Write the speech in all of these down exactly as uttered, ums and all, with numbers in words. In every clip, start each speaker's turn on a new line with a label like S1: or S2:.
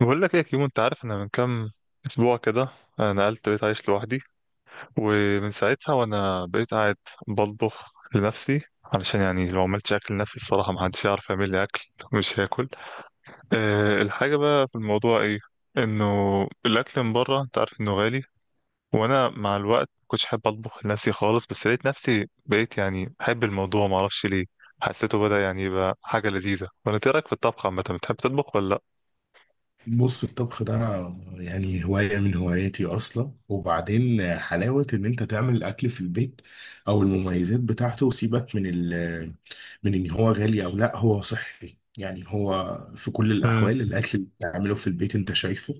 S1: بقول لك ايه يا كيمو، انت عارف انا من كام اسبوع كده، آه، نقلت بقيت عايش لوحدي. ومن ساعتها وانا بقيت قاعد بطبخ لنفسي، علشان يعني لو عملتش اكل لنفسي الصراحه ما حدش يعرف يعمل لي اكل مش هاكل. أه الحاجه بقى في الموضوع ايه؟ انه الاكل من بره انت عارف انه غالي. وانا مع الوقت ما كنتش حابب اطبخ لنفسي خالص، بس لقيت نفسي بقيت يعني بحب الموضوع ما اعرفش ليه. حسيته بدأ يعني يبقى حاجه لذيذه. ولا إنت إيه رايك في الطبخ عامه؟ بتحب تطبخ ولا لا؟
S2: بص، الطبخ ده يعني هواية من هواياتي أصلا. وبعدين حلاوة إن أنت تعمل الأكل في البيت أو المميزات بتاعته، وسيبك من ال من إن هو غالي أو لأ، هو صحي يعني. هو في كل الأحوال الأكل اللي بتعمله في البيت أنت شايفه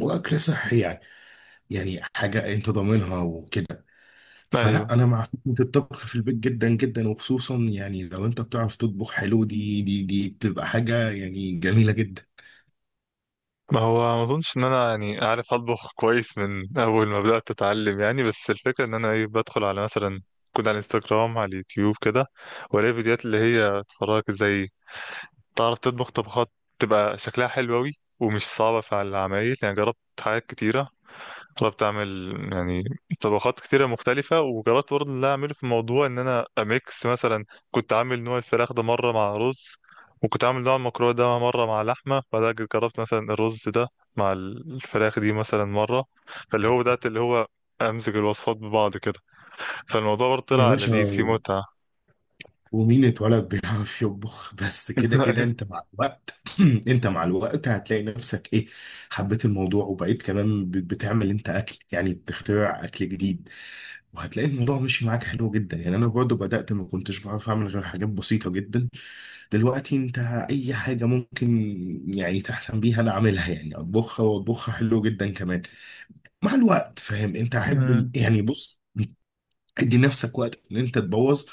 S2: وأكل صحي يعني، يعني حاجة أنت ضامنها وكده.
S1: امم
S2: فلأ، أنا مع فكرة الطبخ في البيت جدا جدا، وخصوصا يعني لو أنت بتعرف تطبخ حلو، دي دي دي بتبقى حاجة يعني جميلة جدا.
S1: ما هو ما اظنش ان انا يعني عارف اطبخ كويس من اول ما بدات اتعلم يعني، بس الفكره ان انا ايه، بدخل على مثلا كود على الانستجرام على اليوتيوب كده، والاقي فيديوهات اللي هي تفرجك ازاي تعرف تطبخ طبخات تبقى شكلها حلو قوي ومش صعبه في العمايل. يعني جربت حاجات كتيره، طلبت اعمل يعني طبخات كتيرة مختلفة، وجربت برضه اللي اعمله في موضوع ان انا اميكس. مثلا كنت عامل نوع الفراخ ده مرة مع رز، وكنت عامل نوع المكرونة ده مرة مع لحمة، بعدها جيت جربت مثلا الرز ده مع الفراخ دي مثلا مرة. فاللي هو بدأت اللي هو امزج الوصفات ببعض كده. فالموضوع برضه
S2: يا
S1: طلع
S2: باشا،
S1: لذيذ فيه متعة.
S2: ومين اتولد بيعرف يطبخ؟ بس كده كده انت مع الوقت. انت مع الوقت هتلاقي نفسك ايه، حبيت الموضوع، وبقيت كمان بت- بتعمل انت اكل، يعني بتخترع اكل جديد. وهتلاقي الموضوع مشي معاك حلو جدا يعني. انا برضو بدأت ما كنتش بعرف اعمل غير حاجات بسيطة جدا، دلوقتي انت اي حاجة ممكن يعني تحلم بيها انا اعملها، يعني اطبخها واطبخها حلو جدا كمان مع الوقت. فاهم؟ انت احب يعني، بص، ادي نفسك وقت ان انت تبوظ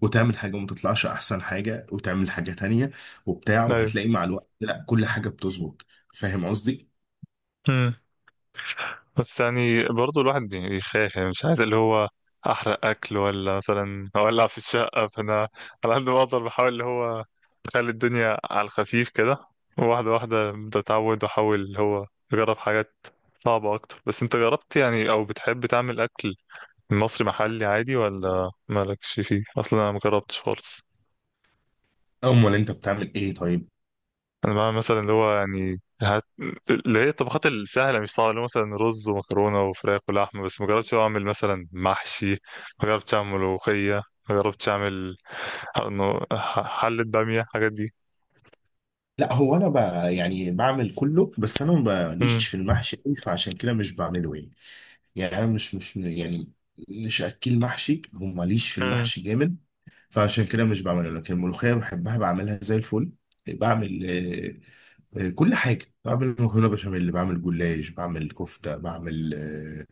S2: وتعمل حاجة وما تطلعش احسن حاجة، وتعمل حاجة تانية وبتاع،
S1: ايوه أمم.
S2: وهتلاقي مع الوقت لا، كل حاجة بتظبط. فاهم قصدي؟
S1: ايوه، بس يعني برضو الواحد بي- بيخاف، يعني مش عايز اللي هو احرق اكل ولا مثلا اولع في الشقه. فانا على قد ما اقدر بحاول اللي هو اخلي الدنيا على الخفيف كده، واحده واحده ببدا اتعود واحاول اللي هو اجرب حاجات صعبه اكتر. بس انت جربت يعني او بتحب تعمل اكل مصري محلي عادي ولا مالكش فيه اصلا؟ انا مجربتش خالص.
S2: امال انت بتعمل ايه طيب؟
S1: انا بقى مثلا اللي هو يعني هت... اللي هي الطبخات السهله مش صعبه، اللي هو مثلا رز ومكرونه وفراخ ولحمه، بس ما جربتش أوي اعمل مثلا محشي، ما جربتش اعمل ملوخيه، ما جربتش اعمل ح- إنه ح- حله باميه، الحاجات دي.
S2: لا هو انا ب... يعني بعمل كله، بس انا
S1: امم.
S2: ماليش في المحشي قوي، فعشان كده مش بعمله يعني. يعني انا مش مش يعني مش اكل محشي، وماليش في
S1: امم.
S2: المحشي جامد، فعشان كده مش بعمله. لكن الملوخية بحبها، بعملها زي الفل. بعمل آه، كل حاجة، بعمل مكرونة بشاميل، بعمل جلاش، بعمل كفتة، بعمل آه،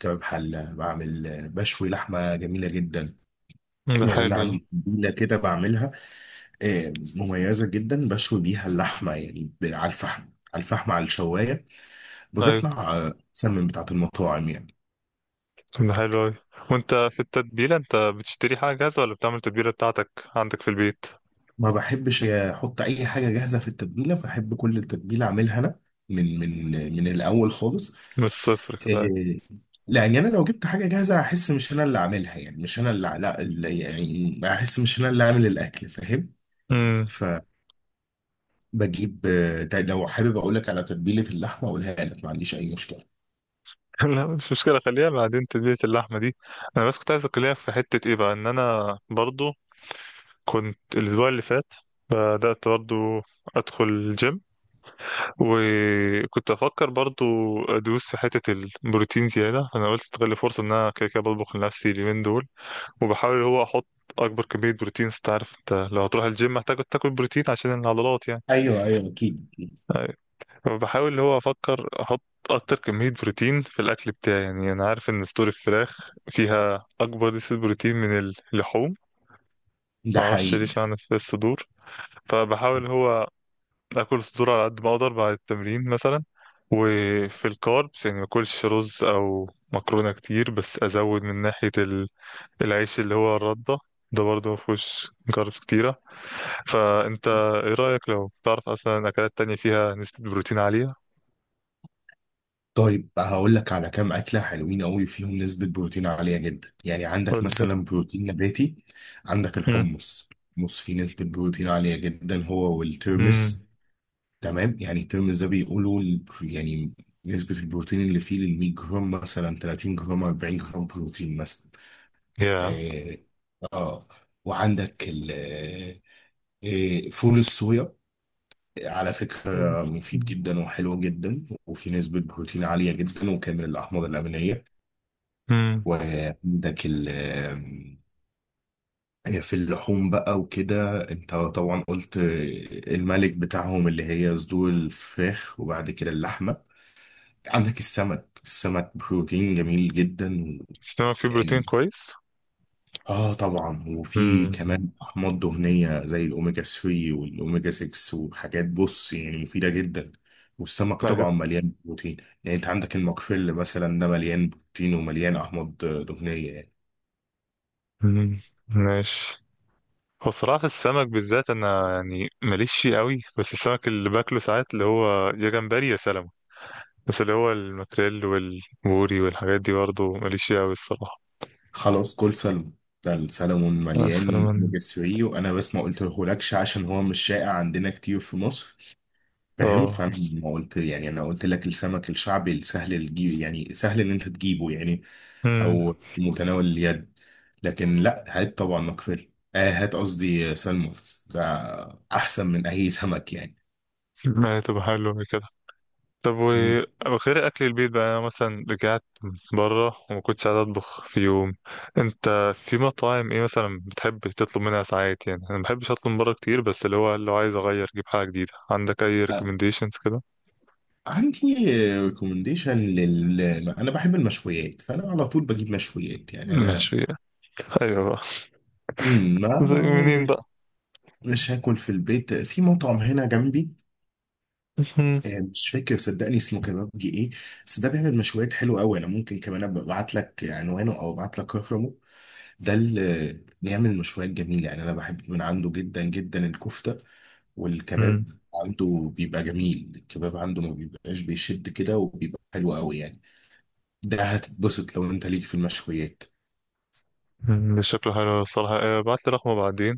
S2: كباب حلة، بعمل آه، بشوي لحمة جميلة جدا.
S1: ده
S2: يعني
S1: حلو
S2: أنا
S1: ده.
S2: عندي تتبيلة كده بعملها، آه، مميزة جدا، بشوي بيها اللحمة يعني، ب- على الفحم، على الفحم، على الشواية.
S1: ايوه،
S2: بتطلع آه، أحسن من بتاعة المطاعم يعني.
S1: ده حلو اوي. وانت في التتبيله، انت بتشتري حاجه جاهزه ولا بتعمل التتبيله بتاعتك عندك في البيت؟
S2: ما بحبش أحط أي حاجة جاهزة في التتبيلة، بحب كل التتبيلة أعملها أنا من من آه، من الأول خالص.
S1: من الصفر كده أيوة.
S2: إيه، لان انا لو جبت حاجه جاهزه هحس مش انا اللي عاملها، يعني مش انا اللي، لا، اللي يعني هحس مش انا اللي عامل الاكل. فاهم؟
S1: امم.
S2: فبجيب، آه، ده لو حابب اقول لك على تتبيله اللحمه اقولها لك، ما عنديش اي مشكله.
S1: لا مش مشكلة، خليها بعدين تتبيلة اللحمة دي. أنا بس كنت عايز أكلمك في حتة إيه بقى. إن أنا برضو كنت الأسبوع اللي فات بدأت برضو أدخل الجيم، وكنت أفكر برضو أدوس في حتة البروتين زيادة. أنا قلت استغل الفرصة إن أنا كده كده بطبخ لنفسي اليومين دول، وبحاول اللي هو أحط أكبر كمية بروتين. أنت عارف أنت لو هتروح الجيم محتاج تاكل بروتين عشان العضلات يعني.
S2: ايوه ايوه، اكيد اكيد.
S1: أيوة. فبحاول اللي هو أفكر أحط أكتر كمية بروتين في الأكل بتاعي، يعني أنا عارف إن صدور الفراخ فيها أكبر نسبة بروتين من اللحوم.
S2: ده
S1: معرفش
S2: حقيقي.
S1: ليش معنى في الصدور. فبحاول هو باكل صدور على قد ما اقدر بعد التمرين مثلا. وفي الكاربس يعني ما اكلش رز او مكرونه كتير، بس ازود من ناحيه ال- العيش اللي هو الرده، ده برضه ما فيهوش كاربس كتيره. فانت ايه رايك لو تعرف اصلا اكلات تانية فيها نسبه بروتين عاليه؟
S2: طيب هقول لك على كام اكله حلوين قوي فيهم نسبه بروتين عاليه جدا. يعني عندك
S1: قول لي كده.
S2: مثلا بروتين نباتي، عندك
S1: امم.
S2: الحمص، الحمص فيه نسبه بروتين عاليه جدا، هو
S1: امم.
S2: والترمس. تمام؟ يعني الترمز ده بيقولوا ال- يعني نسبة البروتين اللي فيه لل مية جرام مثلا تلاتين جرام اربعين جرام بروتين مثلا.
S1: يا.
S2: اه. آه. وعندك ال آه، آه، فول الصويا على فكرة، مفيد جدا وحلو جدا، وفي نسبة بروتين عالية جدا وكامل الأحماض الأمينية.
S1: امم.
S2: وعندك ال آه، في اللحوم بقى وكده، انت طبعا قلت آه، الملك بتاعهم اللي هي صدور الفراخ، وبعد كده اللحمة. عندك السمك، السمك بروتين جميل جدا
S1: السمك فيه بروتين
S2: يعني.
S1: كويس.
S2: اه طبعا، وفي
S1: امم.
S2: كمان احماض دهنيه زي الاوميجا تلاتة والاوميجا ستة وحاجات، بص، يعني مفيده جدا. والسمك طبعا
S1: ايوه.
S2: مليان بروتين يعني. انت عندك الماكريل مثلا، ده مليان بروتين ومليان احماض دهنيه يعني.
S1: امم. ماشي. هو الصراحة في السمك بالذات أنا يعني ماليش فيه قوي، بس السمك اللي باكله ساعات اللي هو يا جمبري يا سلمون، بس اللي هو الماكريل والبوري والحاجات دي برضه ماليش فيه قوي الصراحة.
S2: خلاص، كل سلمون، ده السلمون
S1: آه،
S2: مليان
S1: السلمون.
S2: اوميجا تلاتة، وانا بس ما قلتهولكش عشان هو مش شائع عندنا كتير في مصر. فاهم؟
S1: اه
S2: فانا
S1: بس-
S2: ما قلت يعني، انا قلت لك السمك الشعبي السهل الجي، يعني سهل ان انت تجيبه يعني،
S1: امم
S2: او في متناول اليد. لكن لا، هات طبعا مكفر، آه، هات قصدي سلمون، ده احسن من اي سمك يعني.
S1: ما هي تبقى حلوة كده. طب
S2: مم.
S1: وغير أكل البيت بقى، أنا مثلا رجعت بره وما كنتش قاعد أطبخ في يوم. أنت في مطاعم إيه مثلا بتحب تطلب منها ساعات؟ يعني أنا ما بحبش أطلب من بره كتير، بس اللي هو لو عايز أغير أجيب حاجة جديدة، عندك أي
S2: آه،
S1: ريكومنديشنز كده؟
S2: عندي ريكومنديشن لل، انا بحب المشويات، فانا على طول بجيب مشويات يعني. انا
S1: ماشي. ايوه بقى.
S2: مم، ما
S1: زي منين بقى.
S2: مش هاكل في البيت، في مطعم هنا جنبي،
S1: مم.
S2: آه، مش فاكر صدقني اسمه كبابجي ايه، بس ده بيعمل مشويات حلوه قوي. انا ممكن كمان ابقى ابعت لك عنوانه او ابعت لك رقمه. ده اللي بيعمل مشويات جميله يعني، انا بحب من عنده جدا جدا الكفته
S1: مم.
S2: والكباب. عنده بيبقى جميل، الكباب عنده ما بيبقاش بيشد كده، وبيبقى حلو قوي يعني. ده هتتبسط لو انت ليك في المشويات.
S1: مم. مش شكله حلو الصراحة. آه، بعت لي رقمه بعدين.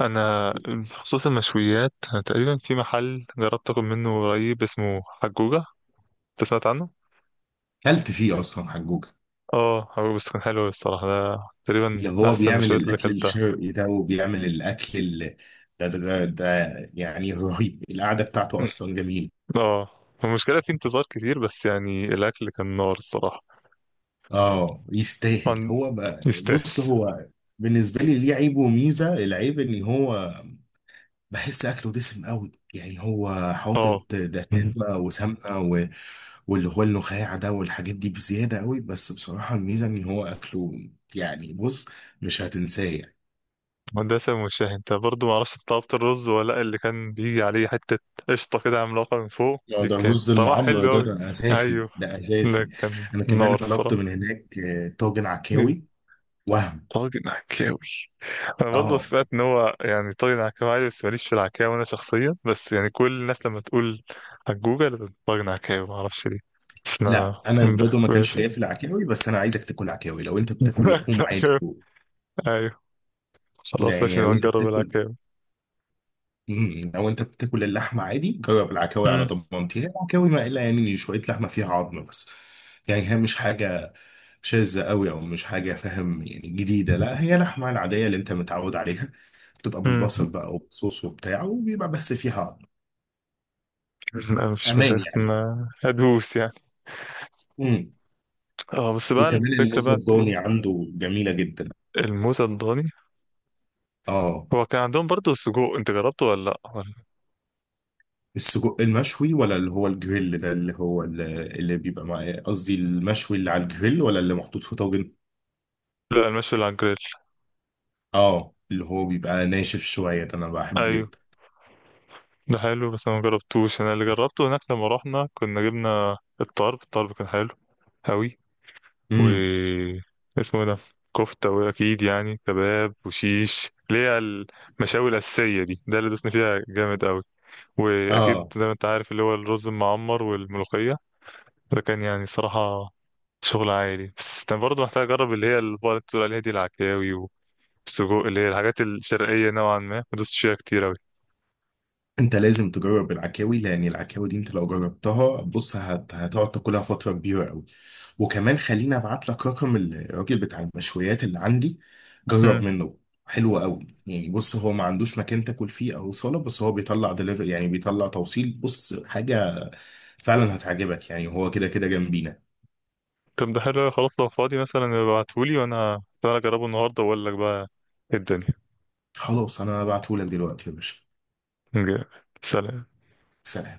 S1: أنا بخصوص المشويات، أنا تقريبا في محل جربت أكل منه قريب اسمه حجوجة. أنت سمعت عنه؟
S2: كلت فيه اصلا حجوجة؟
S1: اه هو بس كان حلو الصراحة ده، تقريبا
S2: اللي
S1: من
S2: هو
S1: أحسن
S2: بيعمل
S1: المشويات اللي
S2: الاكل
S1: أكلتها.
S2: الشرقي ده، وبيعمل الاكل ال- ده ده ده ده يعني رهيب، القعده بتاعته
S1: مم.
S2: اصلا جميله.
S1: اه. المشكلة في انتظار كتير بس، يعني الأكل كان نار الصراحة.
S2: اه، يستاهل.
S1: طبعاً
S2: هو بقى
S1: يستاهل.
S2: بص، هو بالنسبه لي ليه عيب وميزه. العيب ان هو بحس اكله دسم قوي يعني، هو
S1: اه
S2: حاطط دسامه وسمنه و- واللي هو النخاع ده والحاجات دي بزياده قوي. بس بصراحه الميزه ان هو اكله يعني بص، مش هتنساه يعني.
S1: مدرسة المشاهي. انت برضو معرفش انت طلبت الرز ولا لأ؟ اللي كان بيجي عليه حتة قشطة كده عملاقة من فوق
S2: آه،
S1: دي
S2: ده
S1: كانت
S2: رز
S1: طعمها
S2: المعمر،
S1: حلو
S2: ده
S1: أوي.
S2: ده اساسي،
S1: أيوه،
S2: ده
S1: ده
S2: اساسي.
S1: كان
S2: انا كمان
S1: نار
S2: طلبت
S1: الصراحة.
S2: من هناك آه، طاجن
S1: ايه؟
S2: عكاوي، وهم
S1: طاجن عكاوي. أنا برضو
S2: اه.
S1: سمعت إن هو يعني طاجن عكاوي عادي، بس ماليش في العكاوي أنا شخصيا، بس يعني كل الناس لما تقول على جوجل بتقول طاجن عكاوي معرفش ليه، بس
S2: لا
S1: أنا
S2: انا
S1: ب-
S2: برضه ما كانش
S1: باشا.
S2: ليا في العكاوي، بس انا عايزك تاكل عكاوي لو انت بتاكل لحوم عادي.
S1: العكاوي. أيوه،
S2: لا
S1: خلاص ماشي،
S2: يعني، لو
S1: نبقى
S2: انت
S1: نجرب
S2: بتاكل
S1: العكاوي.
S2: مم، لو انت بتاكل اللحمه عادي، جرب العكاوي على
S1: امم.
S2: ضمانتي. هي العكاوي ما الا يعني شويه لحمه فيها عظم بس، يعني هي مش حاجه شاذه قوي او مش حاجه، فاهم يعني، جديده. لا، هي لحمه العاديه اللي انت متعود عليها، بتبقى
S1: امم.
S2: بالبصل بقى وبصوص وبتاع، وبيبقى بس فيها عظم.
S1: لا مفيش
S2: امان
S1: مشاكل
S2: يعني.
S1: أنا هدوس يعني.
S2: امم
S1: اه بس بقى
S2: وكمان
S1: الفكرة
S2: الموز
S1: بقى في
S2: الضاني
S1: ايه؟
S2: عنده جميله جدا.
S1: الموزة الضاني.
S2: اه،
S1: هو كان عندهم برضو السجق، انت جربته ولا لا ولا-
S2: السجق المشوي ولا اللي هو الجريل ده، اللي هو اللي, اللي بيبقى مع، قصدي المشوي اللي على الجريل، ولا اللي محطوط في طاجن؟
S1: لا، المشوي اللي على الجريل.
S2: اه، اللي هو بيبقى ناشف شوية ده، انا بحبه
S1: ايوه،
S2: جدا.
S1: ده حلو بس انا ما جربتوش. انا اللي جربته هناك لما رحنا كنا جبنا الطرب الطرب كان حلو أوي. و
S2: امم
S1: اسمه إيه ده، كفتة وأكيد يعني كباب وشيش، اللي هي المشاوي الأساسية دي، ده اللي دوسنا فيها جامد أوي. وأكيد
S2: اه،
S1: زي ما أنت عارف اللي هو الرز المعمر والملوخية. فكان يعني صراحة شغل عائلي. بس كان برضه محتاج أجرب اللي هي البقرة اللي بقولك بتقول عليها دي العكاوي، والسجق اللي هي الحاجات الشرقية نوعا ما دوست فيها كتير أوي.
S2: انت لازم تجرب العكاوي، لان العكاوي دي انت لو جربتها بص هت... هتقعد تاكلها فترة كبيرة قوي. وكمان خليني ابعت لك رقم الراجل بتاع المشويات اللي عندي، جرب
S1: مم.
S2: منه. حلو قوي يعني، بص، هو ما عندوش مكان تاكل فيه او صاله، بس هو بيطلع دليفري يعني، بيطلع توصيل. بص حاجه، فعلا هتعجبك يعني، هو كده كده جنبينا.
S1: طب ده حلو أوي، خلاص لو فاضي مثلا ابعتهولي، وأنا تعالى أجربه النهاردة وأقول لك بقى إيه الدنيا.
S2: خلاص، انا هبعتهولك دلوقتي يا باشا.
S1: جامد. سلام.
S2: سلام.